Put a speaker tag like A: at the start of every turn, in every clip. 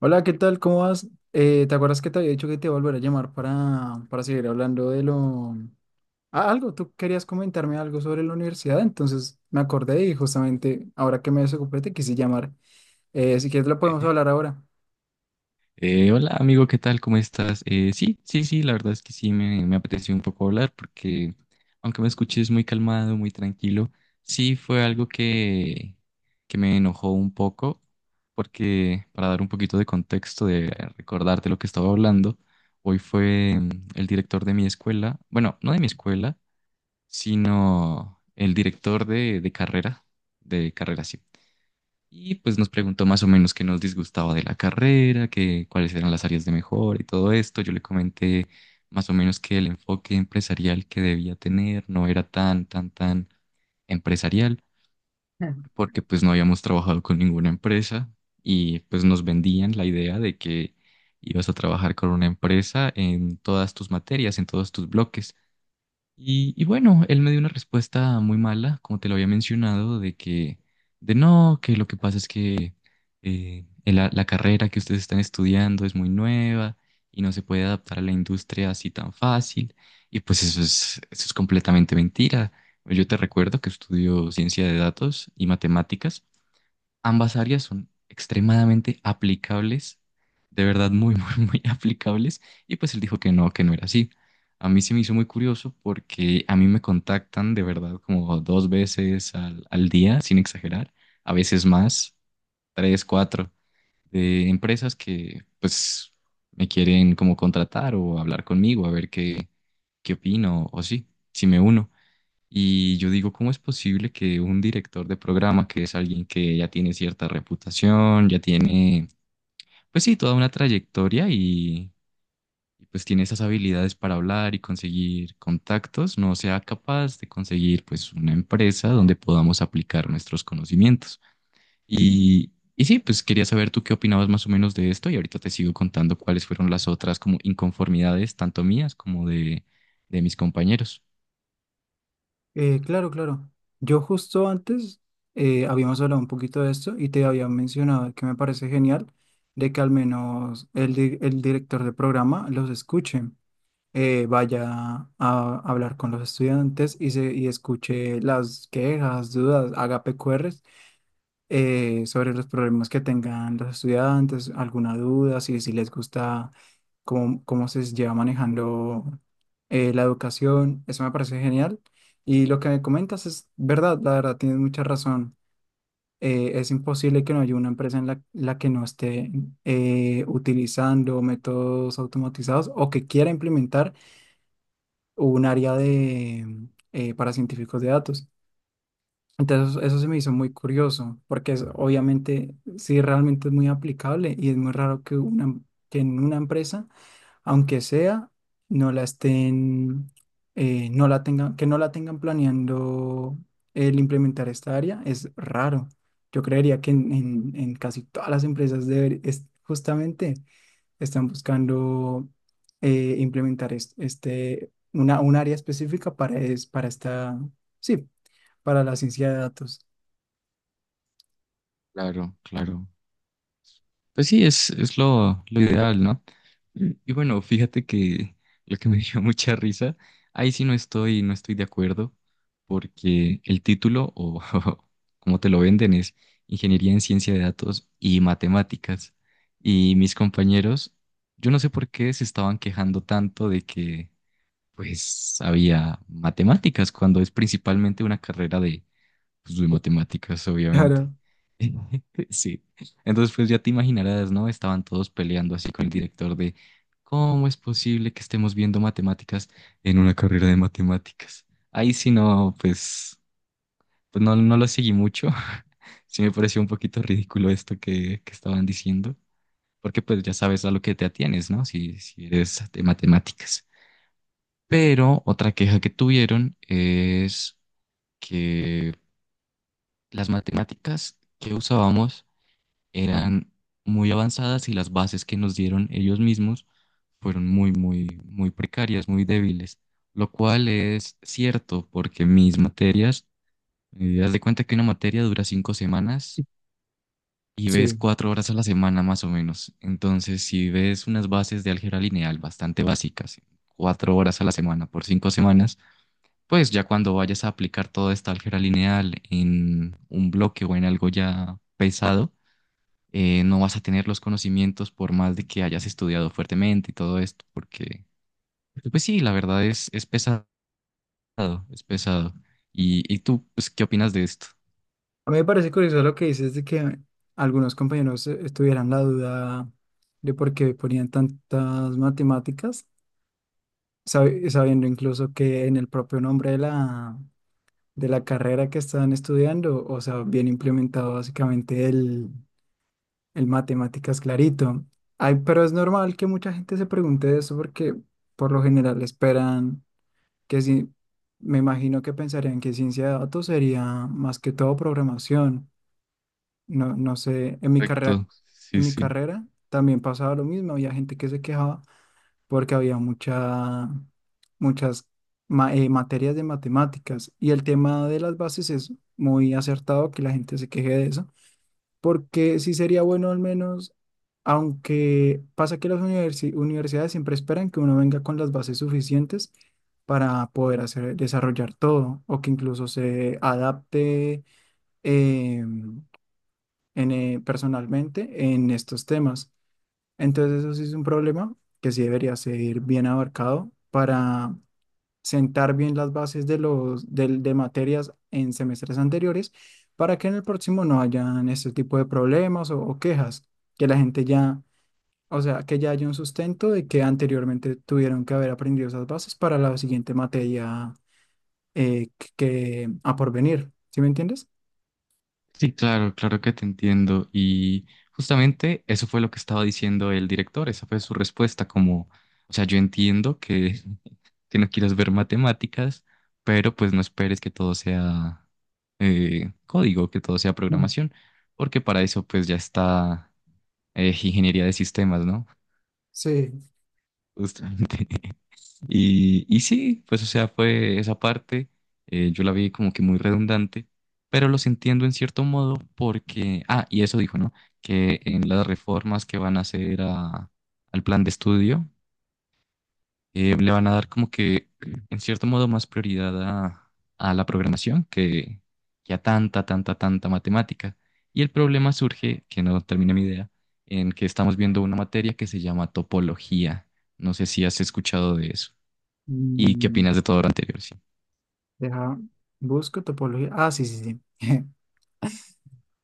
A: Hola, ¿qué tal? ¿Cómo vas? ¿Te acuerdas que te había dicho que te iba a volver a llamar para seguir hablando de lo... Ah, algo, tú querías comentarme algo sobre la universidad, entonces me acordé y justamente ahora que me desocupé te quise llamar. Si quieres lo podemos hablar ahora.
B: Hola amigo, ¿qué tal? ¿Cómo estás? Sí, sí, sí, la verdad es que sí me apeteció un poco hablar porque aunque me escuches muy calmado, muy tranquilo, sí fue algo que me enojó un poco porque para dar un poquito de contexto, de recordarte lo que estaba hablando, hoy fue el director de mi escuela, bueno, no de mi escuela, sino el director de carrera, de carrera, sí. Y pues nos preguntó más o menos qué nos disgustaba de la carrera, cuáles eran las áreas de mejora y todo esto. Yo le comenté más o menos que el enfoque empresarial que debía tener no era tan, tan, tan empresarial,
A: Mm.
B: porque pues no habíamos trabajado con ninguna empresa y pues nos vendían la idea de que ibas a trabajar con una empresa en todas tus materias, en todos tus bloques. Y bueno, él me dio una respuesta muy mala, como te lo había mencionado, de que, de no, que lo que pasa es que la carrera que ustedes están estudiando es muy nueva y no se puede adaptar a la industria así tan fácil. Y pues eso es completamente mentira. Yo te recuerdo que estudio ciencia de datos y matemáticas. Ambas áreas son extremadamente aplicables, de verdad muy, muy, muy aplicables, y pues él dijo que no era así. A mí se me hizo muy curioso porque a mí me contactan de verdad como dos veces al día, sin exagerar, a veces más, tres, cuatro, de empresas que pues me quieren como contratar o hablar conmigo, a ver qué opino o sí, si me uno. Y yo digo, ¿cómo es posible que un director de programa, que es alguien que ya tiene cierta reputación, ya tiene, pues sí, toda una trayectoria y pues tiene esas habilidades para hablar y conseguir contactos, no sea capaz de conseguir pues una empresa donde podamos aplicar nuestros conocimientos? Y sí, pues quería saber tú qué opinabas más o menos de esto y ahorita te sigo contando cuáles fueron las otras como inconformidades, tanto mías como de mis compañeros.
A: Claro, claro. Yo justo antes habíamos hablado un poquito de esto y te había mencionado que me parece genial de que al menos el director de programa los escuche. Vaya a hablar con los estudiantes y escuche las quejas, dudas, haga PQRs, sobre los problemas que tengan los estudiantes, alguna duda, si les gusta cómo se lleva manejando la educación. Eso me parece genial. Y lo que me comentas es verdad, la verdad, tienes mucha razón. Es imposible que no haya una empresa en la que no esté utilizando métodos automatizados o que quiera implementar o un área de, para científicos de datos. Entonces eso se me hizo muy curioso, porque es, obviamente sí realmente es muy aplicable y es muy raro que en una empresa, aunque sea, no la no la tengan, que no la tengan planeando el implementar esta área, es raro. Yo creería que en casi todas las empresas es justamente están buscando implementar un área específica para esta, sí, para la ciencia de datos.
B: Claro, claro. Pues sí, es lo ideal, ¿no? Y bueno, fíjate que lo que me dio mucha risa, ahí sí no estoy de acuerdo, porque el título, o como te lo venden, es Ingeniería en Ciencia de Datos y Matemáticas. Y mis compañeros, yo no sé por qué se estaban quejando tanto de que, pues, había matemáticas, cuando es principalmente una carrera de pues de matemáticas, obviamente.
A: Claro,
B: Sí. Entonces, pues ya te imaginarás, ¿no? Estaban todos peleando así con el director de ¿cómo es posible que estemos viendo matemáticas en una carrera de matemáticas? Ahí sí no, pues no lo seguí mucho. Sí me pareció un poquito ridículo esto que estaban diciendo, porque pues ya sabes a lo que te atienes, ¿no? Si eres de matemáticas. Pero otra queja que tuvieron es que las matemáticas que usábamos eran muy avanzadas y las bases que nos dieron ellos mismos fueron muy, muy, muy precarias, muy débiles, lo cual es cierto porque mis materias, haz de cuenta que una materia dura 5 semanas y ves
A: sí.
B: 4 horas a la semana más o menos. Entonces, si ves unas bases de álgebra lineal bastante básicas, 4 horas a la semana por 5 semanas, pues ya cuando vayas a aplicar toda esta álgebra lineal en un bloque o en algo ya pesado, no vas a tener los conocimientos por más de que hayas estudiado fuertemente y todo esto, porque, pues sí, la verdad es pesado, es pesado. ¿¿Y tú, pues, qué opinas de esto?
A: A mí me parece curioso lo que dices de que algunos compañeros tuvieran la duda de por qué ponían tantas matemáticas, sabiendo incluso que en el propio nombre de de la carrera que están estudiando, o sea, viene implementado básicamente el matemáticas, clarito. Ay, pero es normal que mucha gente se pregunte eso porque por lo general esperan que si, me imagino que pensarían que ciencia de datos sería más que todo programación. No, no sé,
B: Correcto, sí,
A: en mi
B: sí.
A: carrera también pasaba lo mismo. Había gente que se quejaba porque había muchas materias de matemáticas, y el tema de las bases es muy acertado que la gente se queje de eso porque sí sería bueno al menos, aunque pasa que las universidades siempre esperan que uno venga con las bases suficientes para poder hacer, desarrollar todo o que incluso se adapte, eh, personalmente, en estos temas. Entonces eso sí es un problema que sí debería ser bien abarcado para sentar bien las bases de materias en semestres anteriores, para que en el próximo no hayan este tipo de problemas o quejas, que la gente ya, o sea, que ya haya un sustento de que anteriormente tuvieron que haber aprendido esas bases para la siguiente materia, que a porvenir, ¿sí me entiendes?
B: Sí, claro, claro que te entiendo. Y justamente eso fue lo que estaba diciendo el director, esa fue su respuesta, como, o sea, yo entiendo que no quieras ver matemáticas, pero pues no esperes que todo sea código, que todo sea
A: Mm.
B: programación, porque para eso pues ya está ingeniería de sistemas, ¿no?
A: Sí.
B: Justamente. Y sí, pues o sea, fue esa parte, yo la vi como que muy redundante, pero los entiendo en cierto modo porque, ah, y eso dijo, ¿no? Que en las reformas que van a hacer al plan de estudio, le van a dar como que, en cierto modo, más prioridad a la programación que a tanta, tanta, tanta matemática. Y el problema surge, que no termina mi idea, en que estamos viendo una materia que se llama topología. No sé si has escuchado de eso. ¿Y qué
A: Mm,
B: opinas de todo lo anterior? Sí.
A: deja, busco topología. Ah, sí, sí, sí.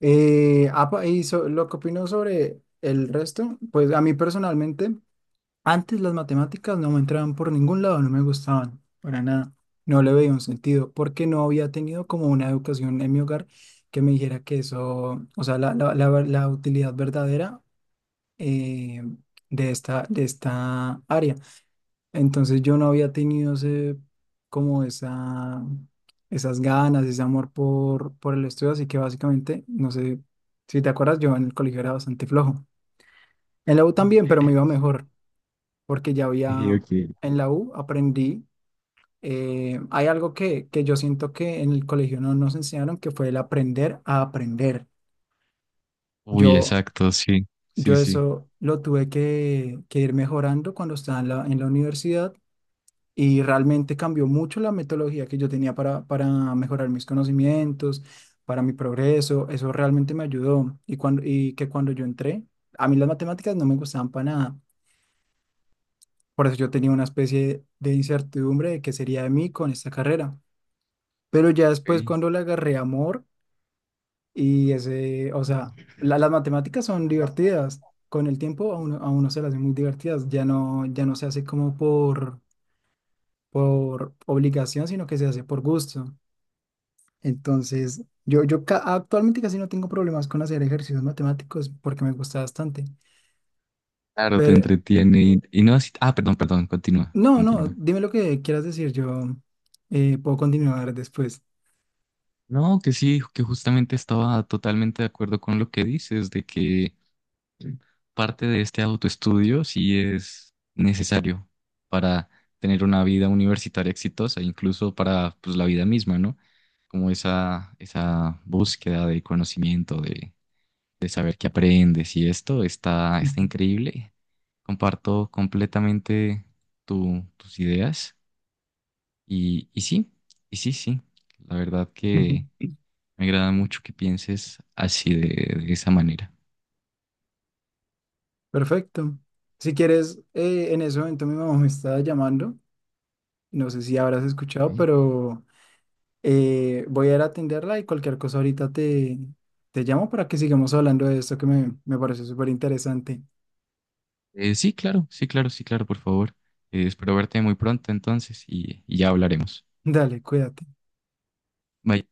A: Lo que opino sobre el resto, pues a mí personalmente, antes las matemáticas no me entraban por ningún lado, no me gustaban, para nada. No le veía un sentido, porque no había tenido como una educación en mi hogar que me dijera que eso, o sea, la utilidad verdadera eh, de de esta área. Entonces yo no había tenido ese, como esa, esas ganas, ese amor por el estudio, así que básicamente, no sé si te acuerdas, yo en el colegio era bastante flojo. En la U también, pero me iba mejor porque ya
B: Ok,
A: había,
B: ok.
A: en la U aprendí. Hay algo que yo siento que en el colegio no nos enseñaron, que fue el aprender a aprender.
B: Uy,
A: Yo,
B: exacto, sí, sí,
A: yo
B: sí.
A: eso lo tuve que ir mejorando cuando estaba en en la universidad, y realmente cambió mucho la metodología que yo tenía para mejorar mis conocimientos, para mi progreso. Eso realmente me ayudó. Y, cuando, y que cuando yo entré, a mí las matemáticas no me gustaban para nada. Por eso yo tenía una especie de incertidumbre de qué sería de mí con esta carrera. Pero ya después
B: Ok.
A: cuando le agarré amor y ese, o sea, las matemáticas son divertidas. Con el tiempo a a uno se las hace muy divertidas. Ya no, ya no se hace como por obligación, sino que se hace por gusto. Entonces, actualmente casi no tengo problemas con hacer ejercicios matemáticos porque me gusta bastante.
B: Claro, te
A: Pero
B: entretiene y no así-. Ah, perdón, perdón, continúa,
A: no, no,
B: continúa.
A: dime lo que quieras decir. Yo puedo continuar después.
B: No, que sí, que justamente estaba totalmente de acuerdo con lo que dices, de que parte de este autoestudio sí es necesario para tener una vida universitaria exitosa, incluso para pues, la vida misma, ¿no? Como esa búsqueda de conocimiento, de saber qué aprendes y esto está increíble. Comparto completamente tus ideas y sí, y sí, sí. La verdad que me agrada mucho que pienses así de esa manera.
A: Perfecto. Si quieres, en ese momento mi mamá me está llamando. No sé si habrás escuchado,
B: ¿Ok?
A: pero voy a ir a atenderla y cualquier cosa ahorita te llamo para que sigamos hablando de esto que me parece súper interesante.
B: Sí, claro, sí, claro, sí, claro, por favor. Espero verte muy pronto entonces y ya hablaremos.
A: Dale, cuídate.
B: Bye.